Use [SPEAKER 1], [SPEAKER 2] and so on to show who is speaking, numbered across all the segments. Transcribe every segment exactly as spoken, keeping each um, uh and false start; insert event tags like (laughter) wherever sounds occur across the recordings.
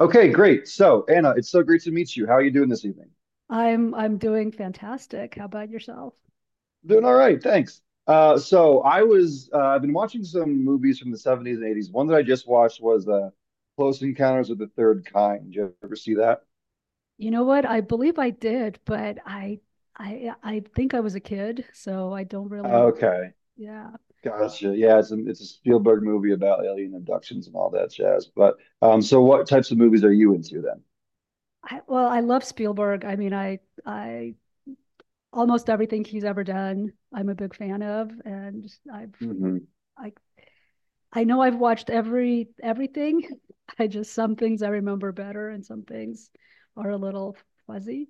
[SPEAKER 1] Okay, great. So, Anna, it's so great to meet you. How are you doing this evening?
[SPEAKER 2] I'm I'm doing fantastic. How about yourself?
[SPEAKER 1] Doing all right, thanks. Uh, so I was uh, I've been watching some movies from the seventies and eighties. One that I just watched was uh, Close Encounters of the Third Kind. Did you ever see that?
[SPEAKER 2] You know what? I believe I did, but I I I think I was a kid, so I don't really re-
[SPEAKER 1] Okay,
[SPEAKER 2] yeah.
[SPEAKER 1] gotcha. Yeah, it's a, it's a Spielberg movie about alien abductions and all that jazz. But um, so what types of movies are you into then?
[SPEAKER 2] I, well, I love Spielberg. I mean, I I almost everything he's ever done, I'm a big fan of, and I've I I know I've watched every everything. (laughs) I just some things I remember better, and some things are a little fuzzy.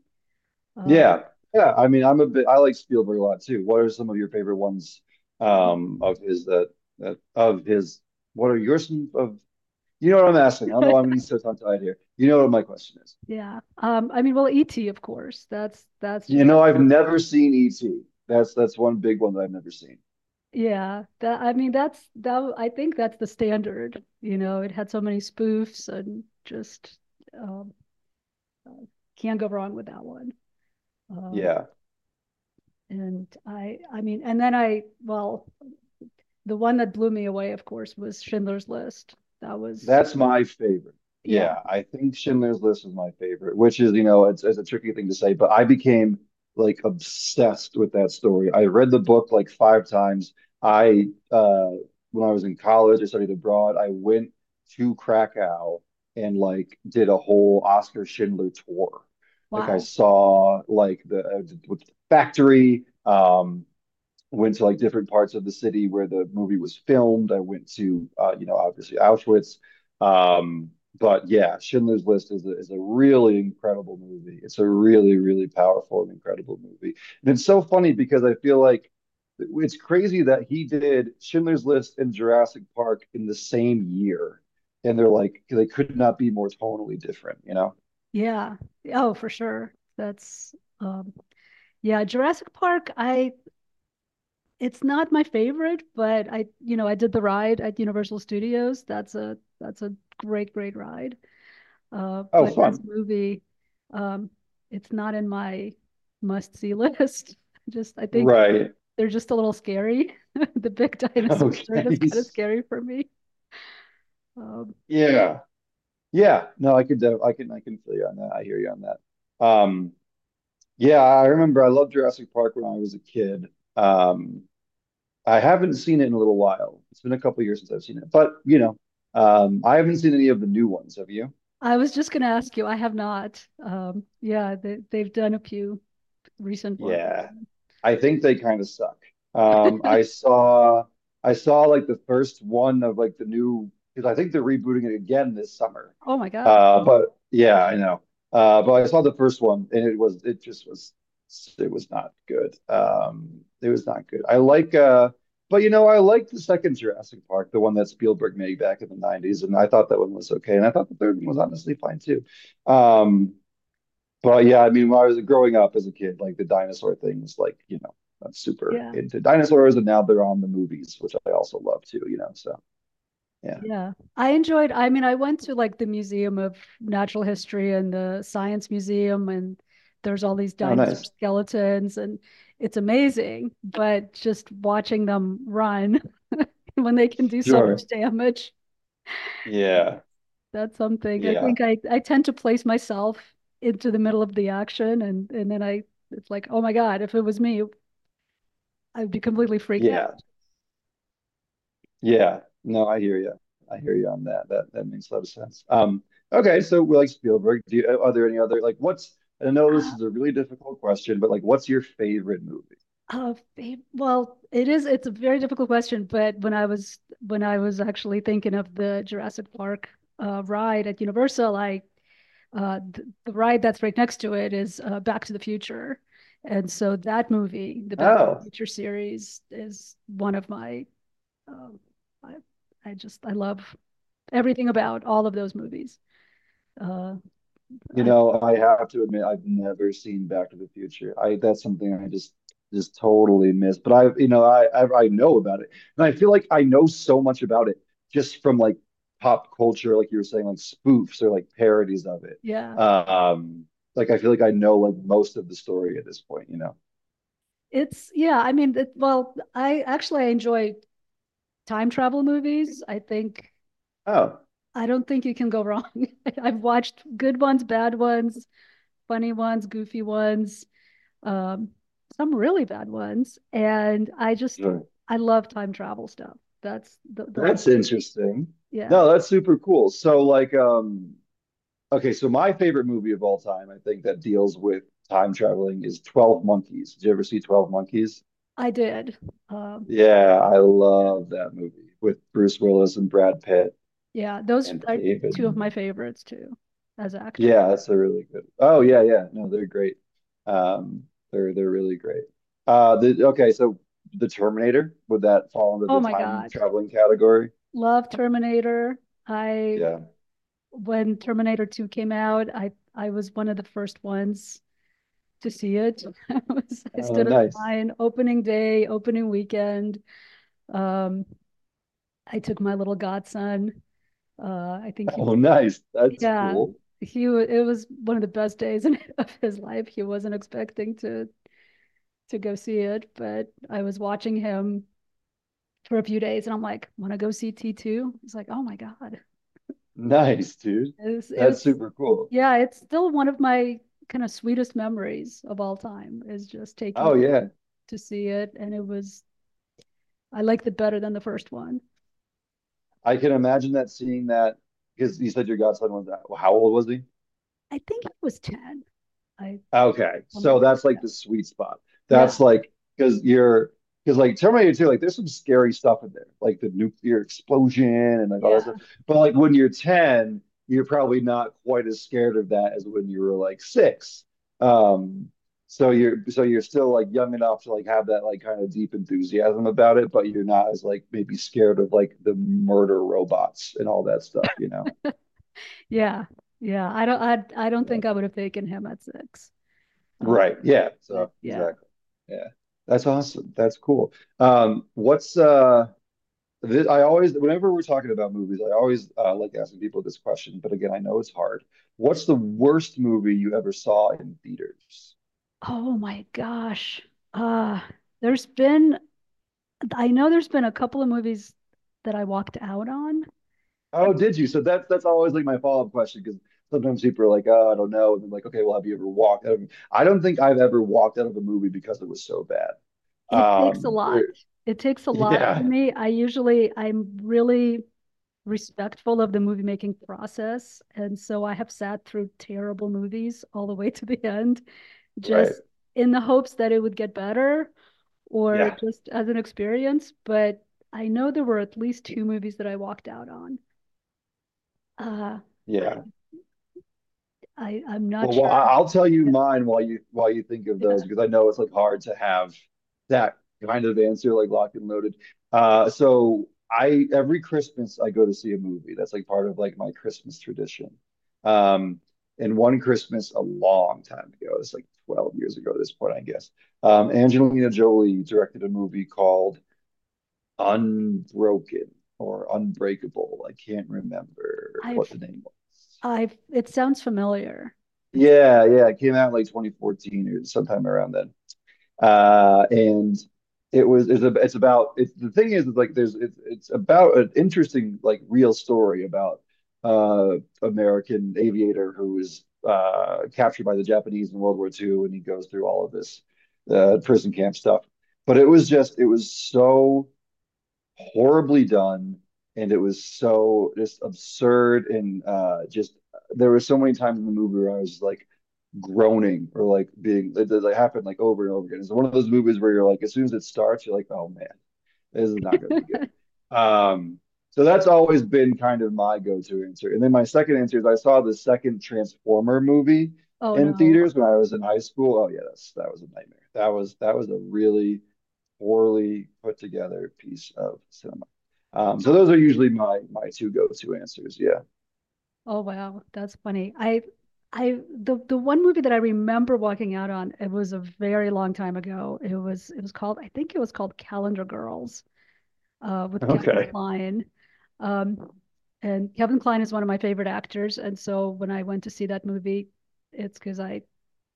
[SPEAKER 2] Uh,
[SPEAKER 1] Yeah. Yeah. I mean, I'm a bit, I like Spielberg a lot too. What are some of your favorite ones
[SPEAKER 2] um,
[SPEAKER 1] um of his that that of his what are yours some of you know what I'm asking? I don't know, I'm
[SPEAKER 2] (laughs)
[SPEAKER 1] getting so tongue-tied here. You know what my question is.
[SPEAKER 2] yeah. Um, I mean, well, E T of course. That's that's
[SPEAKER 1] You
[SPEAKER 2] just
[SPEAKER 1] know, I've never seen E T. That's that's one big one that I've never seen.
[SPEAKER 2] yeah. That I mean that's that w- I think that's the standard. You know, it had so many spoofs and just um, can't go wrong with that one. Um,
[SPEAKER 1] Yeah.
[SPEAKER 2] and I I mean, and then I, well, the one that blew me away of course was Schindler's List. That was
[SPEAKER 1] That's my favorite.
[SPEAKER 2] yeah,
[SPEAKER 1] Yeah, I think Schindler's List is my favorite, which is, you know, it's, it's a tricky thing to say, but I became like obsessed with that story. I read the book like five times. I, uh, when I was in college, I studied abroad. I went to Krakow and like did a whole Oscar Schindler tour. Like I
[SPEAKER 2] wow.
[SPEAKER 1] saw like the, uh, the factory, um, went to like different parts of the city where the movie was filmed. I went to uh, you know, obviously Auschwitz. Um, but yeah, Schindler's List is a, is a really incredible movie. It's a really really powerful and incredible movie. And it's so funny because I feel like it's crazy that he did Schindler's List and Jurassic Park in the same year. And they're like they could not be more tonally different, you know?
[SPEAKER 2] Yeah. Oh, for sure. That's um yeah, Jurassic Park, I it's not my favorite, but I, you know, I did the ride at Universal Studios. That's a that's a great great ride. Uh,
[SPEAKER 1] Oh,
[SPEAKER 2] but as a
[SPEAKER 1] fun.
[SPEAKER 2] movie, um, it's not in my must-see list. (laughs) Just I think
[SPEAKER 1] Right.
[SPEAKER 2] they're just a little scary. (laughs) The big
[SPEAKER 1] (laughs)
[SPEAKER 2] dinosaurs
[SPEAKER 1] Okay.
[SPEAKER 2] are just kind of scary for me. Um,
[SPEAKER 1] Yeah. Yeah, no, I could, def- I can, I can feel you on that. I hear you on that. Um, yeah, I remember I loved Jurassic Park when I was a kid. Um, I haven't seen it in a little while. It's been a couple years since I've seen it, but you know, um, I haven't seen any of the new ones. Have you?
[SPEAKER 2] I was just going to ask you. I have not. Um, yeah, they, they've done a few recent ones.
[SPEAKER 1] Yeah. I think they kind of suck. Um, I saw I saw like the first one of like the new, because I think they're rebooting it again this summer.
[SPEAKER 2] Oh my God.
[SPEAKER 1] Uh, but yeah, I know. Uh, but I saw the first one and it was it just was it was not good. Um, it was not good. I like uh, but you know I like the second Jurassic Park, the one that Spielberg made back in the nineties, and I thought that one was okay, and I thought the third one was honestly fine too. Um, but yeah, I mean, when I was growing up as a kid, like the dinosaur thing was like, you know, I'm super
[SPEAKER 2] Yeah.
[SPEAKER 1] into dinosaurs, and now they're on the movies, which I also love too, you know. So yeah.
[SPEAKER 2] Yeah, I enjoyed. I mean, I went to like the Museum of Natural History and the Science Museum, and there's all these
[SPEAKER 1] Oh,
[SPEAKER 2] dinosaur
[SPEAKER 1] nice.
[SPEAKER 2] skeletons, and it's amazing. But just watching them run (laughs) when they can do so much
[SPEAKER 1] Sure.
[SPEAKER 2] damage,
[SPEAKER 1] Yeah.
[SPEAKER 2] that's something. I
[SPEAKER 1] Yeah.
[SPEAKER 2] think I, I tend to place myself into the middle of the action, and and then I it's like, oh my God, if it was me, I'd be completely freaked
[SPEAKER 1] Yeah. Yeah. No, I hear you. I hear you on that. That that makes a lot of sense. Um, okay, so we like Spielberg. Do you, uh, are there any other like what's I know this
[SPEAKER 2] out.
[SPEAKER 1] is a really difficult question, but like what's your favorite movie?
[SPEAKER 2] Uh, well, it is. It's a very difficult question, but when I was when I was actually thinking of the Jurassic Park uh, ride at Universal, I uh, th- the ride that's right next to it is uh, Back to the Future, and so that movie, the Back to
[SPEAKER 1] Oh,
[SPEAKER 2] the Future series, is one of my. Um, I, I just I love everything about all of those movies. Uh,
[SPEAKER 1] you
[SPEAKER 2] I
[SPEAKER 1] know, I have to admit, I've never seen Back to the Future. I that's something I just just totally miss. But I, you know, I, I I know about it, and I feel like I know so much about it just from like pop culture, like you were saying, like spoofs or like parodies of it.
[SPEAKER 2] yeah,
[SPEAKER 1] Um, like I feel like I know like most of the story at this point. You know?
[SPEAKER 2] it's yeah. I mean, it, well, I actually I enjoy time travel movies. I think
[SPEAKER 1] Oh,
[SPEAKER 2] I don't think you can go wrong. (laughs) I've watched good ones, bad ones, funny ones, goofy ones, um, some really bad ones, and I just
[SPEAKER 1] sure.
[SPEAKER 2] I love time travel stuff. That's the the whole
[SPEAKER 1] That's interesting.
[SPEAKER 2] yeah.
[SPEAKER 1] No, that's super cool. So like, um. Okay, so my favorite movie of all time, I think, that deals with time traveling is twelve Monkeys. Did you ever see twelve Monkeys?
[SPEAKER 2] I did. Um,
[SPEAKER 1] Yeah, I love that movie with Bruce Willis and Brad Pitt
[SPEAKER 2] yeah, those
[SPEAKER 1] and
[SPEAKER 2] are
[SPEAKER 1] David.
[SPEAKER 2] two of
[SPEAKER 1] Mo-
[SPEAKER 2] my favorites too as actor.
[SPEAKER 1] Yeah, that's a really good. Oh yeah, yeah. No, they're great. Um, they're they're really great. Uh, the okay, so the Terminator, would that fall under
[SPEAKER 2] Oh
[SPEAKER 1] the
[SPEAKER 2] my
[SPEAKER 1] time
[SPEAKER 2] God.
[SPEAKER 1] traveling category?
[SPEAKER 2] Love Terminator. I
[SPEAKER 1] Yeah.
[SPEAKER 2] When Terminator two came out, I I was one of the first ones to see it. (laughs) I, was, I
[SPEAKER 1] Oh,
[SPEAKER 2] stood in
[SPEAKER 1] nice.
[SPEAKER 2] line opening day, opening weekend. Um, I took my little godson. Uh, I think he
[SPEAKER 1] Oh,
[SPEAKER 2] was,
[SPEAKER 1] nice. That's
[SPEAKER 2] yeah,
[SPEAKER 1] cool.
[SPEAKER 2] he it was one of the best days (laughs) in, of his life. He wasn't expecting to to go see it, but I was watching him for a few days, and I'm like, want to go see T two? He's like, oh my god,
[SPEAKER 1] Nice, dude.
[SPEAKER 2] it's
[SPEAKER 1] That's
[SPEAKER 2] it's
[SPEAKER 1] super cool.
[SPEAKER 2] yeah, it's still one of my kind of sweetest memories of all time is just
[SPEAKER 1] Oh
[SPEAKER 2] taking
[SPEAKER 1] yeah.
[SPEAKER 2] to see it, and it was I liked it better than the first one.
[SPEAKER 1] I can imagine that seeing that because you said your godson was, how old was he?
[SPEAKER 2] I think it was ten. I
[SPEAKER 1] Okay,
[SPEAKER 2] something like
[SPEAKER 1] so
[SPEAKER 2] that.
[SPEAKER 1] that's
[SPEAKER 2] Yeah.
[SPEAKER 1] like the sweet spot. That's
[SPEAKER 2] Yeah.
[SPEAKER 1] like because you're, because like Terminator two, like there's some scary stuff in there, like the nuclear explosion and like all that
[SPEAKER 2] Yeah.
[SPEAKER 1] stuff. But like when you're ten, you're probably not quite as scared of that as when you were like six. Um, so you're, so you're still like young enough to like have that like kind of deep enthusiasm about it, but you're not as like maybe scared of like the murder robots and all that stuff, you know?
[SPEAKER 2] Yeah. Yeah. I don't I I don't
[SPEAKER 1] Yeah.
[SPEAKER 2] think I would have taken him at six. Uh,
[SPEAKER 1] Right. Yeah.
[SPEAKER 2] but
[SPEAKER 1] So
[SPEAKER 2] yeah.
[SPEAKER 1] exactly. Yeah. That's awesome. That's cool. Um, what's uh this, I always whenever we're talking about movies, I always uh, like asking people this question, but again, I know it's hard. What's the worst movie you ever saw in theaters?
[SPEAKER 2] Oh my gosh. Uh there's been I know there's been a couple of movies that I walked out on.
[SPEAKER 1] Oh, did you? So that's that's always like my follow-up question because sometimes people are like, oh, I don't know. And I'm like, okay, well, have you ever walked out of, I don't think I've ever walked out of a movie because it was so bad.
[SPEAKER 2] It takes a
[SPEAKER 1] Um,
[SPEAKER 2] lot.
[SPEAKER 1] there-
[SPEAKER 2] It takes a
[SPEAKER 1] (laughs)
[SPEAKER 2] lot for
[SPEAKER 1] yeah,
[SPEAKER 2] me. I usually I'm really respectful of the movie making process, and so I have sat through terrible movies all the way to the end,
[SPEAKER 1] right.
[SPEAKER 2] just in the hopes that it would get better or
[SPEAKER 1] Yeah.
[SPEAKER 2] just as an experience. But I know there were at least two movies that I walked out on. Uh,
[SPEAKER 1] Yeah.
[SPEAKER 2] I I'm not
[SPEAKER 1] Well, well, I-
[SPEAKER 2] sure.
[SPEAKER 1] I'll tell you
[SPEAKER 2] Yeah,
[SPEAKER 1] mine while you while you think of those
[SPEAKER 2] yeah.
[SPEAKER 1] because I know it's like hard to have that kind of answer like locked and loaded. Uh, so I, every Christmas I go to see a movie. That's like part of like my Christmas tradition. Um, and one Christmas a long time ago, it's like twelve years ago at this point, I guess. Um, Angelina Jolie directed a movie called Unbroken or Unbreakable. I can't remember what
[SPEAKER 2] I've
[SPEAKER 1] the name.
[SPEAKER 2] I've. It sounds familiar. It's,
[SPEAKER 1] Yeah, yeah, it came out in like twenty fourteen or sometime around then. Uh, and it was it's, a, it's about it's the thing is it's like there's it's it's about an interesting like real story about uh American aviator who was uh captured by the Japanese in World War two and he goes through all of this uh prison camp stuff. But it was just it was so horribly done and it was so just absurd and uh just there were so many times in the movie where I was like groaning or like being that it happened like over and over again. It's one of those movies where you're like, as soon as it starts, you're like, oh man, this is not going to be good. Um, so that's always been kind of my go-to answer. And then my second answer is I saw the second Transformer movie
[SPEAKER 2] oh
[SPEAKER 1] in
[SPEAKER 2] no!
[SPEAKER 1] theaters when I was in high school. Oh yeah, that's that was a nightmare. That was that was a really poorly put together piece of cinema. Um, so
[SPEAKER 2] Wow.
[SPEAKER 1] those are usually my my two go-to answers. Yeah.
[SPEAKER 2] Oh wow, that's funny. I I the the one movie that I remember walking out on. It was a very long time ago. It was it was called. I think it was called Calendar Girls, uh, with Kevin
[SPEAKER 1] Okay.
[SPEAKER 2] Kline. Um, and Kevin Kline is one of my favorite actors. And so when I went to see that movie, it's because I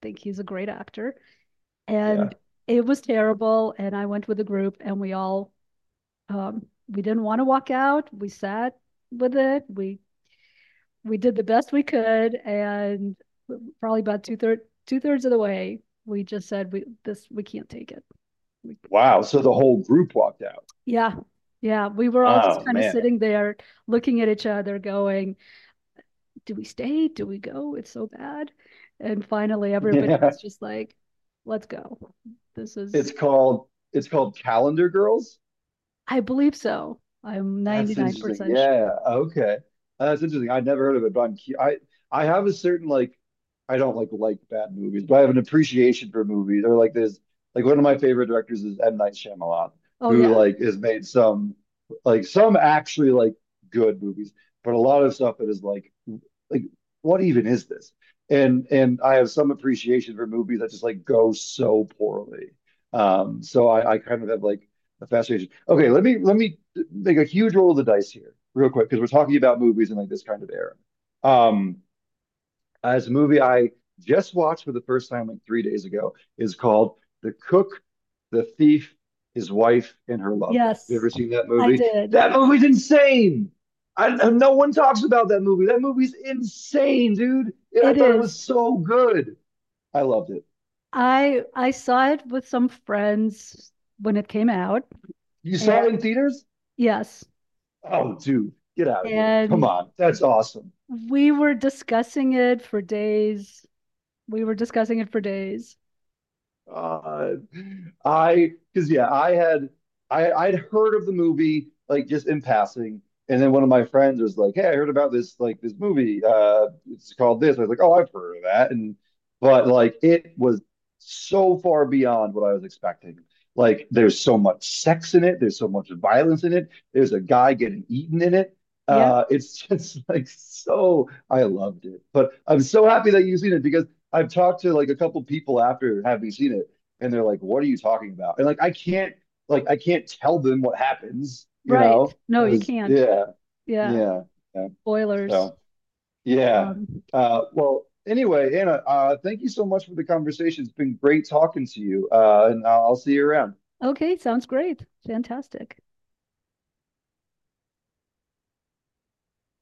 [SPEAKER 2] think he's a great actor.
[SPEAKER 1] Yeah.
[SPEAKER 2] And it was terrible. And I went with a group, and we all, um, we didn't want to walk out. We sat with it. We, we did the best we could. And probably about two thirds, two thirds of the way, we just said, we, this, we can't take it. We,
[SPEAKER 1] Wow. So the whole group walked out.
[SPEAKER 2] yeah. Yeah. We were all just
[SPEAKER 1] Oh
[SPEAKER 2] kind of
[SPEAKER 1] man.
[SPEAKER 2] sitting there looking at each other, going, do we stay? Do we go? It's so bad. And finally,
[SPEAKER 1] (laughs)
[SPEAKER 2] everybody was
[SPEAKER 1] Yeah,
[SPEAKER 2] just like, let's go. This is,
[SPEAKER 1] it's called it's called Calendar Girls.
[SPEAKER 2] I believe so. I'm
[SPEAKER 1] That's interesting.
[SPEAKER 2] ninety-nine percent sure.
[SPEAKER 1] Yeah. Okay. Uh, That's interesting. I'd never heard of it, but I'm, cu- I I have a certain like, I don't like like bad movies, but I have an appreciation for movies. Or like there's like one of my favorite directors is M. Night Shyamalan,
[SPEAKER 2] Oh,
[SPEAKER 1] who
[SPEAKER 2] yeah.
[SPEAKER 1] like has made some like some actually like good movies, but a lot of stuff that is like like what even is this? And and I have some appreciation for movies that just like go so poorly. Um, so I I kind of have like the fascination. Okay, let me let me make a huge roll of the dice here, real quick, because we're talking about movies in like this kind of era. Um, as a movie I just watched for the first time like three days ago is called The Cook, the Thief, His Wife, and Her Lover. Have you
[SPEAKER 2] Yes,
[SPEAKER 1] ever seen that
[SPEAKER 2] I
[SPEAKER 1] movie?
[SPEAKER 2] did.
[SPEAKER 1] That movie's insane. I, no one talks about that movie. That movie's insane, dude. Yeah, I
[SPEAKER 2] It
[SPEAKER 1] thought it
[SPEAKER 2] is.
[SPEAKER 1] was so good. I loved it.
[SPEAKER 2] I I saw it with some friends when it came out.
[SPEAKER 1] You
[SPEAKER 2] And
[SPEAKER 1] saw it in theaters?
[SPEAKER 2] yes.
[SPEAKER 1] Oh, dude, get out of here. Come
[SPEAKER 2] And
[SPEAKER 1] on. That's awesome.
[SPEAKER 2] we were discussing it for days. We were discussing it for days.
[SPEAKER 1] Uh, I, because yeah, I had, I I'd heard of the movie like just in passing, and then one of my friends was like, "Hey, I heard about this like this movie. Uh, it's called this." I was like, "Oh, I've heard of that," and but like it was so far beyond what I was expecting. Like, there's so much sex in it. There's so much violence in it. There's a guy getting eaten in it.
[SPEAKER 2] Yeah.
[SPEAKER 1] Uh, it's just (laughs) like so. I loved it, but I'm so happy that you've seen it because I've talked to like a couple people after having seen it, and they're like, "What are you talking about?" And like, I can't, like I can't tell them what happens, you
[SPEAKER 2] Right.
[SPEAKER 1] know,
[SPEAKER 2] No, you
[SPEAKER 1] because
[SPEAKER 2] can't.
[SPEAKER 1] yeah,
[SPEAKER 2] Yeah.
[SPEAKER 1] yeah, yeah.
[SPEAKER 2] Boilers.
[SPEAKER 1] So yeah.
[SPEAKER 2] Um,
[SPEAKER 1] Uh, well, anyway, Anna, uh, thank you so much for the conversation. It's been great talking to you, uh, and I'll I'll see you around.
[SPEAKER 2] okay, sounds great. Fantastic.